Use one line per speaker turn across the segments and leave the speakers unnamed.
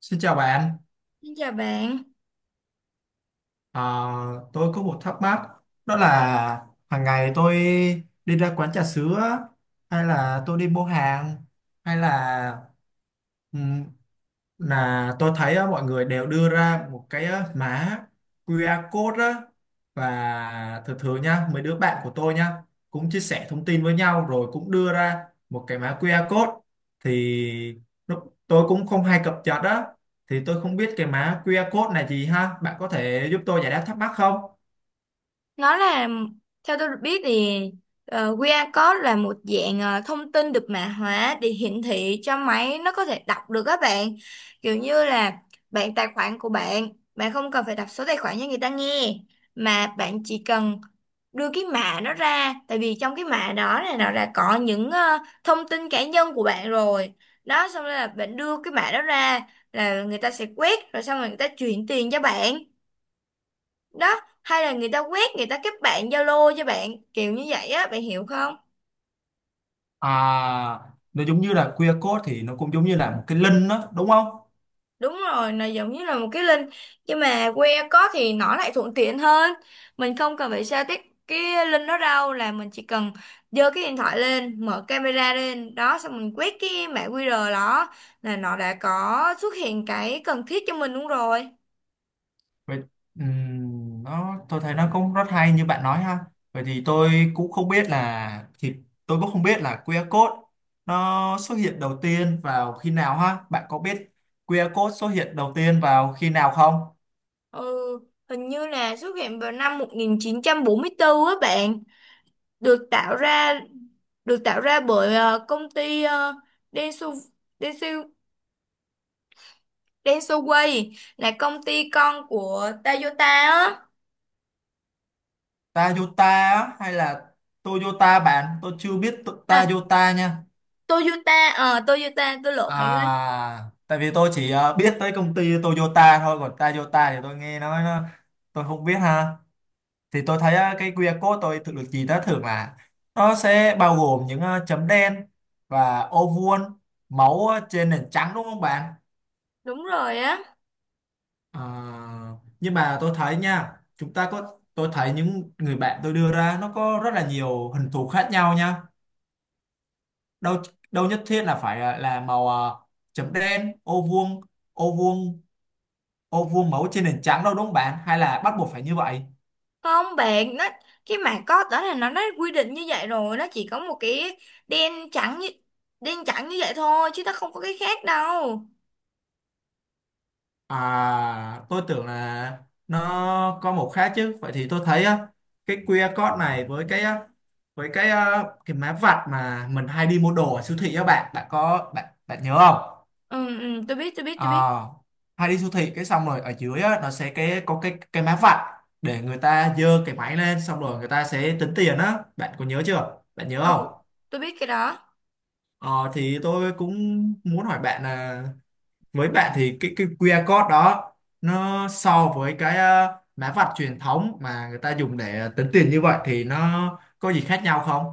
Xin chào bạn.
Xin chào bạn.
Ờ, tôi có một thắc mắc, đó là hàng ngày tôi đi ra quán trà sữa hay là tôi đi mua hàng hay là tôi thấy á, mọi người đều đưa ra một cái á, mã QR code á. Và thường thường nha, mấy đứa bạn của tôi nha, cũng chia sẻ thông tin với nhau rồi cũng đưa ra một cái mã QR code. Thì lúc tôi cũng không hay cập nhật á, thì tôi không biết cái mã QR code này gì, ha bạn có thể giúp tôi giải đáp thắc mắc không?
Nó là, theo tôi được biết thì QR code là một dạng thông tin được mã hóa để hiển thị cho máy nó có thể đọc được các bạn. Kiểu như là bạn, tài khoản của bạn, bạn không cần phải đọc số tài khoản cho người ta nghe mà bạn chỉ cần đưa cái mã nó ra, tại vì trong cái mã đó này nó đã có những thông tin cá nhân của bạn rồi. Đó, xong rồi là bạn đưa cái mã đó ra là người ta sẽ quét, rồi xong rồi người ta chuyển tiền cho bạn đó, hay là người ta quét, người ta kết bạn Zalo cho bạn, kiểu như vậy á, bạn hiểu không?
À, nó giống như là QR code thì nó cũng giống như là một cái link đó đúng không?
Đúng rồi, là giống như là một cái link, nhưng mà que có thì nó lại thuận tiện hơn, mình không cần phải sao tiếp cái link đó đâu, là mình chỉ cần giơ cái điện thoại lên, mở camera lên đó, xong mình quét cái mã QR đó là nó đã có xuất hiện cái cần thiết cho mình luôn rồi.
Vậy nó tôi thấy nó cũng rất hay như bạn nói ha. Vậy thì tôi cũng không biết là QR code nó xuất hiện đầu tiên vào khi nào ha. Bạn có biết QR code xuất hiện đầu tiên vào khi nào không?
Ừ, hình như là xuất hiện vào năm 1944 á bạn. Được tạo ra, được tạo ra bởi công ty, Denso, Denso, Densoway, là công ty con của Toyota á.
Toyota á, hay là Toyota bạn? Tôi chưa biết
À,
Toyota nha.
Toyota, Toyota tôi lộn bạn ơi.
À, tại vì tôi chỉ biết tới công ty Toyota thôi, còn Toyota thì tôi nghe nói nó tôi không biết ha. Thì tôi thấy cái QR code tôi tự được gì đó thường là nó sẽ bao gồm những chấm đen và ô vuông máu trên nền trắng đúng không bạn?
Đúng rồi á.
Ờ, nhưng mà tôi thấy nha, chúng ta có tôi thấy những người bạn tôi đưa ra nó có rất là nhiều hình thù khác nhau nha, đâu đâu nhất thiết là phải là màu chấm đen ô vuông ô vuông ô vuông máu trên nền trắng đâu đúng không bạn, hay là bắt buộc phải như vậy?
Không bạn, nó cái mảng có đó là nó quy định như vậy rồi, nó chỉ có một cái đen trắng như, đen trắng như vậy thôi chứ nó không có cái khác đâu.
À, tôi tưởng là nó có một khác chứ. Vậy thì tôi thấy á, cái QR code này với cái mã vạch mà mình hay đi mua đồ ở siêu thị á bạn, bạn có bạn bạn nhớ không?
Ừ, ừ tôi biết, tôi biết,
À,
tôi biết.
hay đi siêu thị cái xong rồi ở dưới á, nó sẽ cái có cái mã vạch để người ta giơ cái máy lên xong rồi người ta sẽ tính tiền á. Bạn có nhớ chưa? Bạn nhớ
Ừ,
không?
tôi biết cái đó.
Ờ thì tôi cũng muốn hỏi bạn là với bạn thì cái QR code đó nó so với cái mã vạch truyền thống mà người ta dùng để tính tiền như vậy thì nó có gì khác nhau không?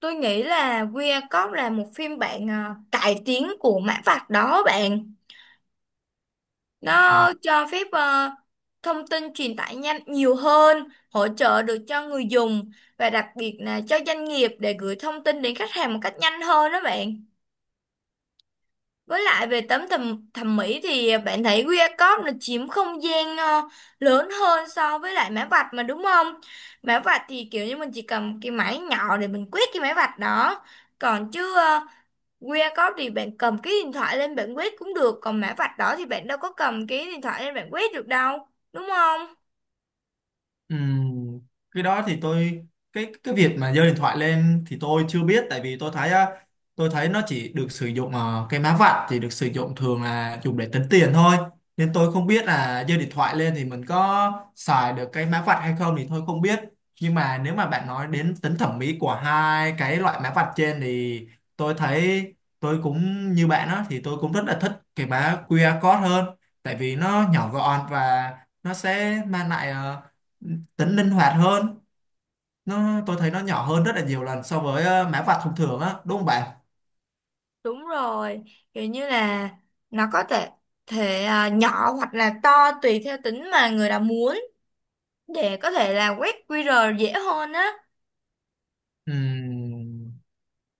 Tôi nghĩ là Weir Cop là một phim bạn, cải tiến của mã vạch đó bạn. Nó cho phép thông tin truyền tải nhanh nhiều hơn, hỗ trợ được cho người dùng và đặc biệt là cho doanh nghiệp để gửi thông tin đến khách hàng một cách nhanh hơn đó bạn. Với lại về tấm thẩm mỹ thì bạn thấy Weir Cop nó chiếm không gian lớn hơn so với lại mã vạch mà, đúng không? Mã vạch thì kiểu như mình chỉ cầm cái máy nhỏ để mình quét cái mã vạch đó. Còn chứ QR code thì bạn cầm cái điện thoại lên bạn quét cũng được, còn mã vạch đó thì bạn đâu có cầm cái điện thoại lên bạn quét được đâu, đúng không?
Ừm, cái đó thì tôi cái việc mà giơ điện thoại lên thì tôi chưa biết, tại vì tôi thấy á, tôi thấy nó chỉ được sử dụng cái má vạch thì được sử dụng thường là dùng để tính tiền thôi, nên tôi không biết là giơ điện thoại lên thì mình có xài được cái má vạch hay không thì tôi không biết. Nhưng mà nếu mà bạn nói đến tính thẩm mỹ của hai cái loại má vạch trên thì tôi thấy tôi cũng như bạn đó, thì tôi cũng rất là thích cái má QR code hơn, tại vì nó nhỏ gọn và nó sẽ mang lại tính linh hoạt hơn. Nó tôi thấy nó nhỏ hơn rất là nhiều lần so với mã vạch thông thường á đúng không bạn?
Đúng rồi, kiểu như là nó có thể thể à, nhỏ hoặc là to tùy theo tính mà người đó muốn để có thể là quét QR dễ hơn á.
Ừm,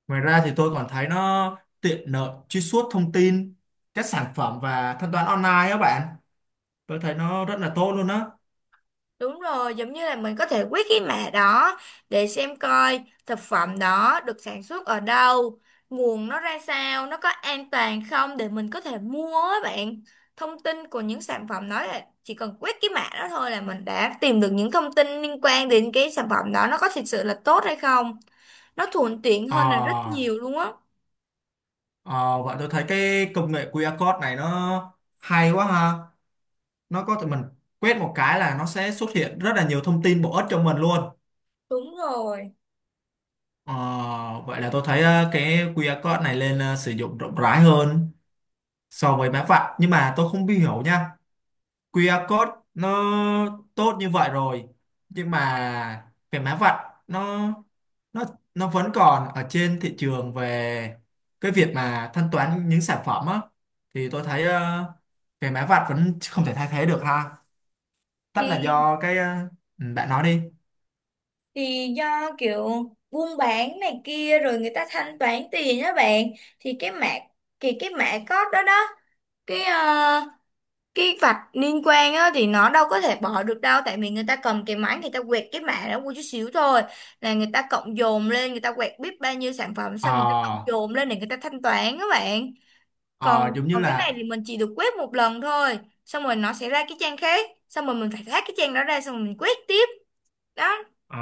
Ngoài ra thì tôi còn thấy nó tiện lợi truy xuất thông tin các sản phẩm và thanh toán online á bạn, tôi thấy nó rất là tốt luôn á.
Đúng rồi, giống như là mình có thể quét cái mã đó để xem coi thực phẩm đó được sản xuất ở đâu, nguồn nó ra sao, nó có an toàn không để mình có thể mua á bạn. Thông tin của những sản phẩm đó là chỉ cần quét cái mã đó thôi là mình đã tìm được những thông tin liên quan đến cái sản phẩm đó nó có thực sự là tốt hay không. Nó thuận tiện hơn là rất
ờ
nhiều luôn á.
ờ, Vậy tôi thấy cái công nghệ QR code này nó hay quá ha, nó có thể mình quét một cái là nó sẽ xuất hiện rất là nhiều thông tin bổ ích cho mình luôn.
Đúng rồi.
Ờ, Vậy là tôi thấy cái QR code này lên sử dụng rộng rãi hơn so với mã vạch. Nhưng mà tôi không hiểu nha, QR code nó tốt như vậy rồi nhưng mà cái mã vạch nó nó nó vẫn còn ở trên thị trường về cái việc mà thanh toán những sản phẩm á, thì tôi thấy cái mã vạch vẫn không thể thay thế được ha, tất là
Thì,
do cái ừ, bạn nói đi.
do kiểu buôn bán này kia rồi người ta thanh toán tiền á bạn, thì cái mã, thì cái mã code đó đó, cái cái vạch liên quan á thì nó đâu có thể bỏ được đâu, tại vì người ta cầm cái máy người ta quẹt cái mã đó một chút xíu thôi là người ta cộng dồn lên, người ta quẹt biết bao nhiêu sản phẩm xong người ta cộng
ờ
dồn lên để người ta thanh toán các bạn. Còn,
ờ, Giống như
còn cái này
là
thì mình chỉ được quét một lần thôi, xong rồi nó sẽ ra cái trang khác xong rồi mình phải hack cái trang đó ra xong rồi mình quét tiếp đó.
ờ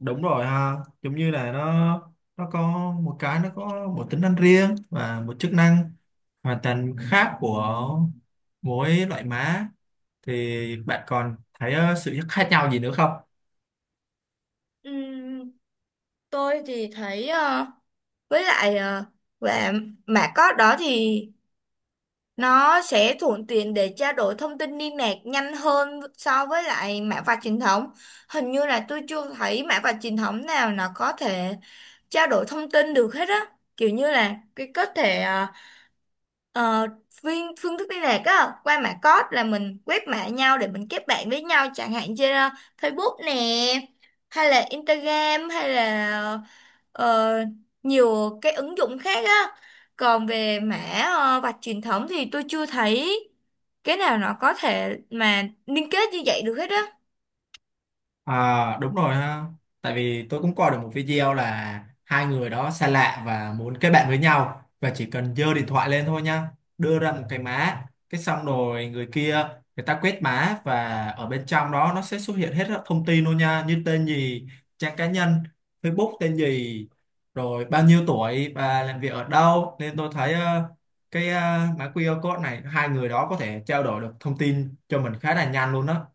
đúng rồi ha, giống như là nó có một cái, nó có một tính năng riêng và một chức năng hoàn toàn khác của mỗi loại má. Thì bạn còn thấy sự khác nhau gì nữa không?
Ừ, tôi thì thấy với lại và mã code đó thì nó sẽ thuận tiện để trao đổi thông tin liên lạc nhanh hơn so với lại mã vạch truyền thống. Hình như là tôi chưa thấy mã vạch truyền thống nào nó có thể trao đổi thông tin được hết á. Kiểu như là cái có thể Ờ, phương thức liên lạc á, qua mã code là mình quét mã nhau để mình kết bạn với nhau chẳng hạn, trên Facebook nè, hay là Instagram, hay là ờ, nhiều cái ứng dụng khác á. Còn về mã vạch truyền thống thì tôi chưa thấy cái nào nó có thể mà liên kết như vậy được hết á.
À, đúng rồi ha. Tại vì tôi cũng coi được một video là hai người đó xa lạ và muốn kết bạn với nhau, và chỉ cần giơ điện thoại lên thôi nha, đưa ra một cái mã, cái xong rồi người kia người ta quét mã và ở bên trong đó nó sẽ xuất hiện hết các thông tin luôn nha, như tên gì, trang cá nhân, Facebook tên gì, rồi bao nhiêu tuổi và làm việc ở đâu. Nên tôi thấy mã QR code này hai người đó có thể trao đổi được thông tin cho mình khá là nhanh luôn đó.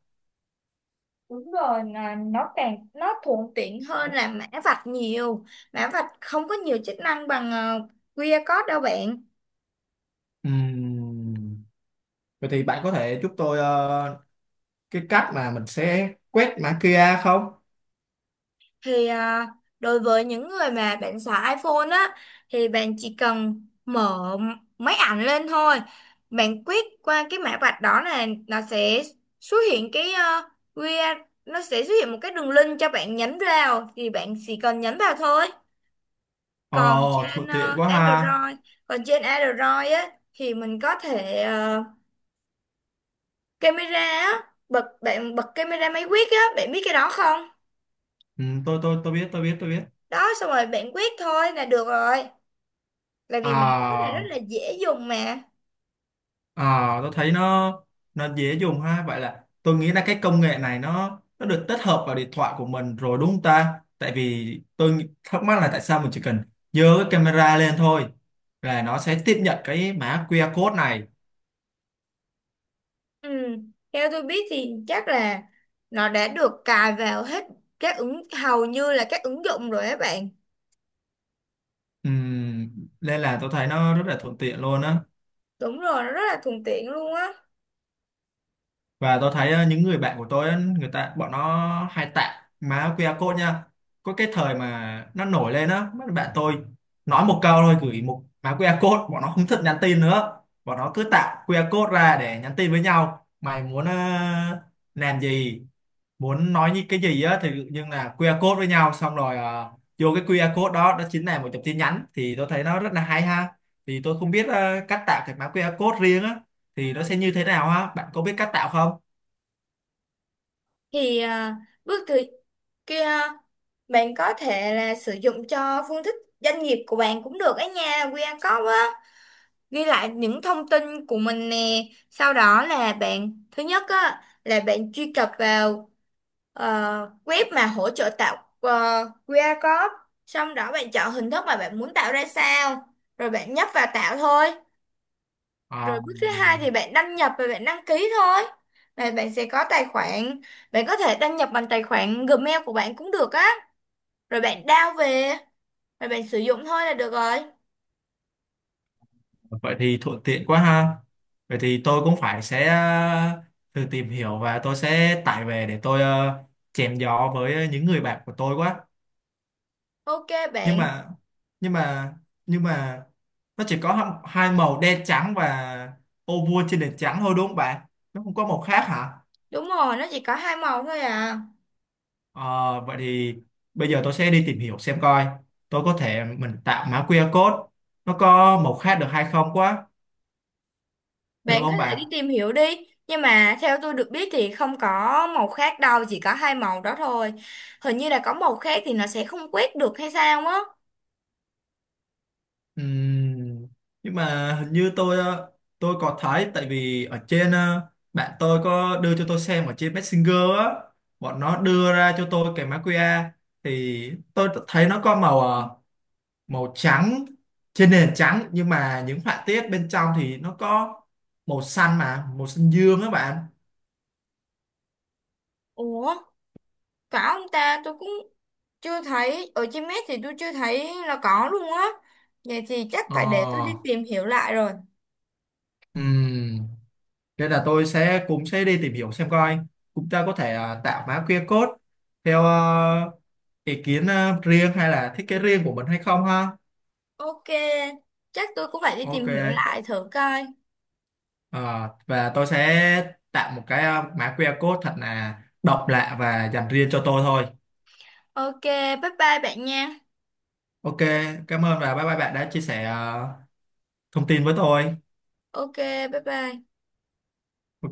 Đúng rồi, là nó càng, nó thuận tiện hơn là mã vạch nhiều. Mã vạch không có nhiều chức năng bằng QR code đâu bạn.
Ừm, Vậy thì bạn có thể giúp tôi cái cách mà mình sẽ quét mã QR không?
Thì à, đối với những người mà bạn xài iPhone á thì bạn chỉ cần mở máy ảnh lên thôi, bạn quét qua cái mã vạch đó là nó sẽ xuất hiện cái QR, nó sẽ xuất hiện một cái đường link cho bạn nhấn vào, thì bạn chỉ cần nhấn vào thôi. Còn
Ồ,
trên
thuận tiện quá ha.
Android, còn trên Android á thì mình có thể camera á, bật, bạn bật camera máy quét á, bạn biết cái đó không?
Ừ, tôi biết, tôi biết.
Đó, xong rồi bạn quét thôi là được rồi, tại vì mã code này rất
À,
là dễ dùng mà.
à tôi thấy nó dễ dùng ha. Vậy là tôi nghĩ là cái công nghệ này nó được tích hợp vào điện thoại của mình rồi đúng không ta? Tại vì tôi thắc mắc là tại sao mình chỉ cần giơ cái camera lên thôi là nó sẽ tiếp nhận cái mã QR code này.
Ừ. Theo tôi biết thì chắc là nó đã được cài vào hết các ứng, hầu như là các ứng dụng rồi các bạn.
Ừm, Nên là tôi thấy nó rất là thuận tiện luôn á.
Đúng rồi, nó rất là thuận tiện luôn á.
Và tôi thấy những người bạn của tôi á, người ta bọn nó hay tặng má QR code nha. Có cái thời mà nó nổi lên á, mấy bạn tôi nói một câu thôi gửi một má QR code, bọn nó không thích nhắn tin nữa, bọn nó cứ tạo QR code ra để nhắn tin với nhau. Mày muốn làm gì, muốn nói những cái gì á thì nhưng là QR code với nhau xong rồi vô cái QR code đó đó chính là một dòng tin nhắn. Thì tôi thấy nó rất là hay ha. Thì tôi không biết cách tạo cái mã QR code riêng á thì nó sẽ như thế nào ha, bạn có biết cách tạo không?
Thì à, bước thứ, kia, bạn có thể là sử dụng cho phương thức doanh nghiệp của bạn cũng được á nha, QR code á, ghi lại những thông tin của mình nè, sau đó là bạn, thứ nhất á là bạn truy cập vào web mà hỗ trợ tạo QR code, xong đó bạn chọn hình thức mà bạn muốn tạo ra sao rồi bạn nhấp vào tạo thôi. Rồi
À,
bước thứ 2 thì bạn đăng nhập và bạn đăng ký thôi, và bạn sẽ có tài khoản. Bạn có thể đăng nhập bằng tài khoản Gmail của bạn cũng được á, rồi bạn download về rồi bạn sử dụng thôi là được rồi.
vậy thì thuận tiện quá ha. Vậy thì tôi cũng phải sẽ thử tìm hiểu và tôi sẽ tải về để tôi chém gió với những người bạn của tôi quá.
OK
Nhưng
bạn.
mà nhưng mà nhưng mà nó chỉ có hai màu đen trắng và ô vuông trên nền trắng thôi đúng không bạn? Nó không có màu khác hả?
Đúng rồi, nó chỉ có 2 màu thôi à.
Ờ, vậy thì bây giờ tôi sẽ đi tìm hiểu xem coi. Tôi có thể mình tạo mã QR code nó có màu khác được hay không quá. Được
Bạn có
không
thể đi
bạn?
tìm hiểu đi. Nhưng mà theo tôi được biết thì không có màu khác đâu, chỉ có hai màu đó thôi. Hình như là có màu khác thì nó sẽ không quét được hay sao á.
Ừm, nhưng mà hình như tôi tôi có thấy, tại vì ở trên bạn tôi có đưa cho tôi xem ở trên Messenger á, bọn nó đưa ra cho tôi cái mã QR, thì tôi thấy nó có màu màu trắng trên nền trắng, nhưng mà những họa tiết bên trong thì nó có màu xanh mà màu xanh dương á bạn.
Ủa, có ông ta, tôi cũng chưa thấy, ở trên net thì tôi chưa thấy là có luôn á. Vậy thì chắc phải để tôi đi
ờ
tìm hiểu lại rồi.
ừm Nên là tôi sẽ cũng sẽ đi tìm hiểu xem coi chúng ta có thể à, tạo mã QR code theo ý kiến riêng hay là thiết kế riêng của mình hay không ha.
OK, chắc tôi cũng phải đi
Ok.
tìm hiểu lại thử coi.
Ờ, và tôi sẽ tạo một cái mã QR code thật là độc lạ và dành riêng cho tôi thôi.
OK, bye bye bạn nha.
Ok, cảm ơn và bye bye bạn đã chia sẻ thông tin với tôi.
OK, bye bye.
Ok.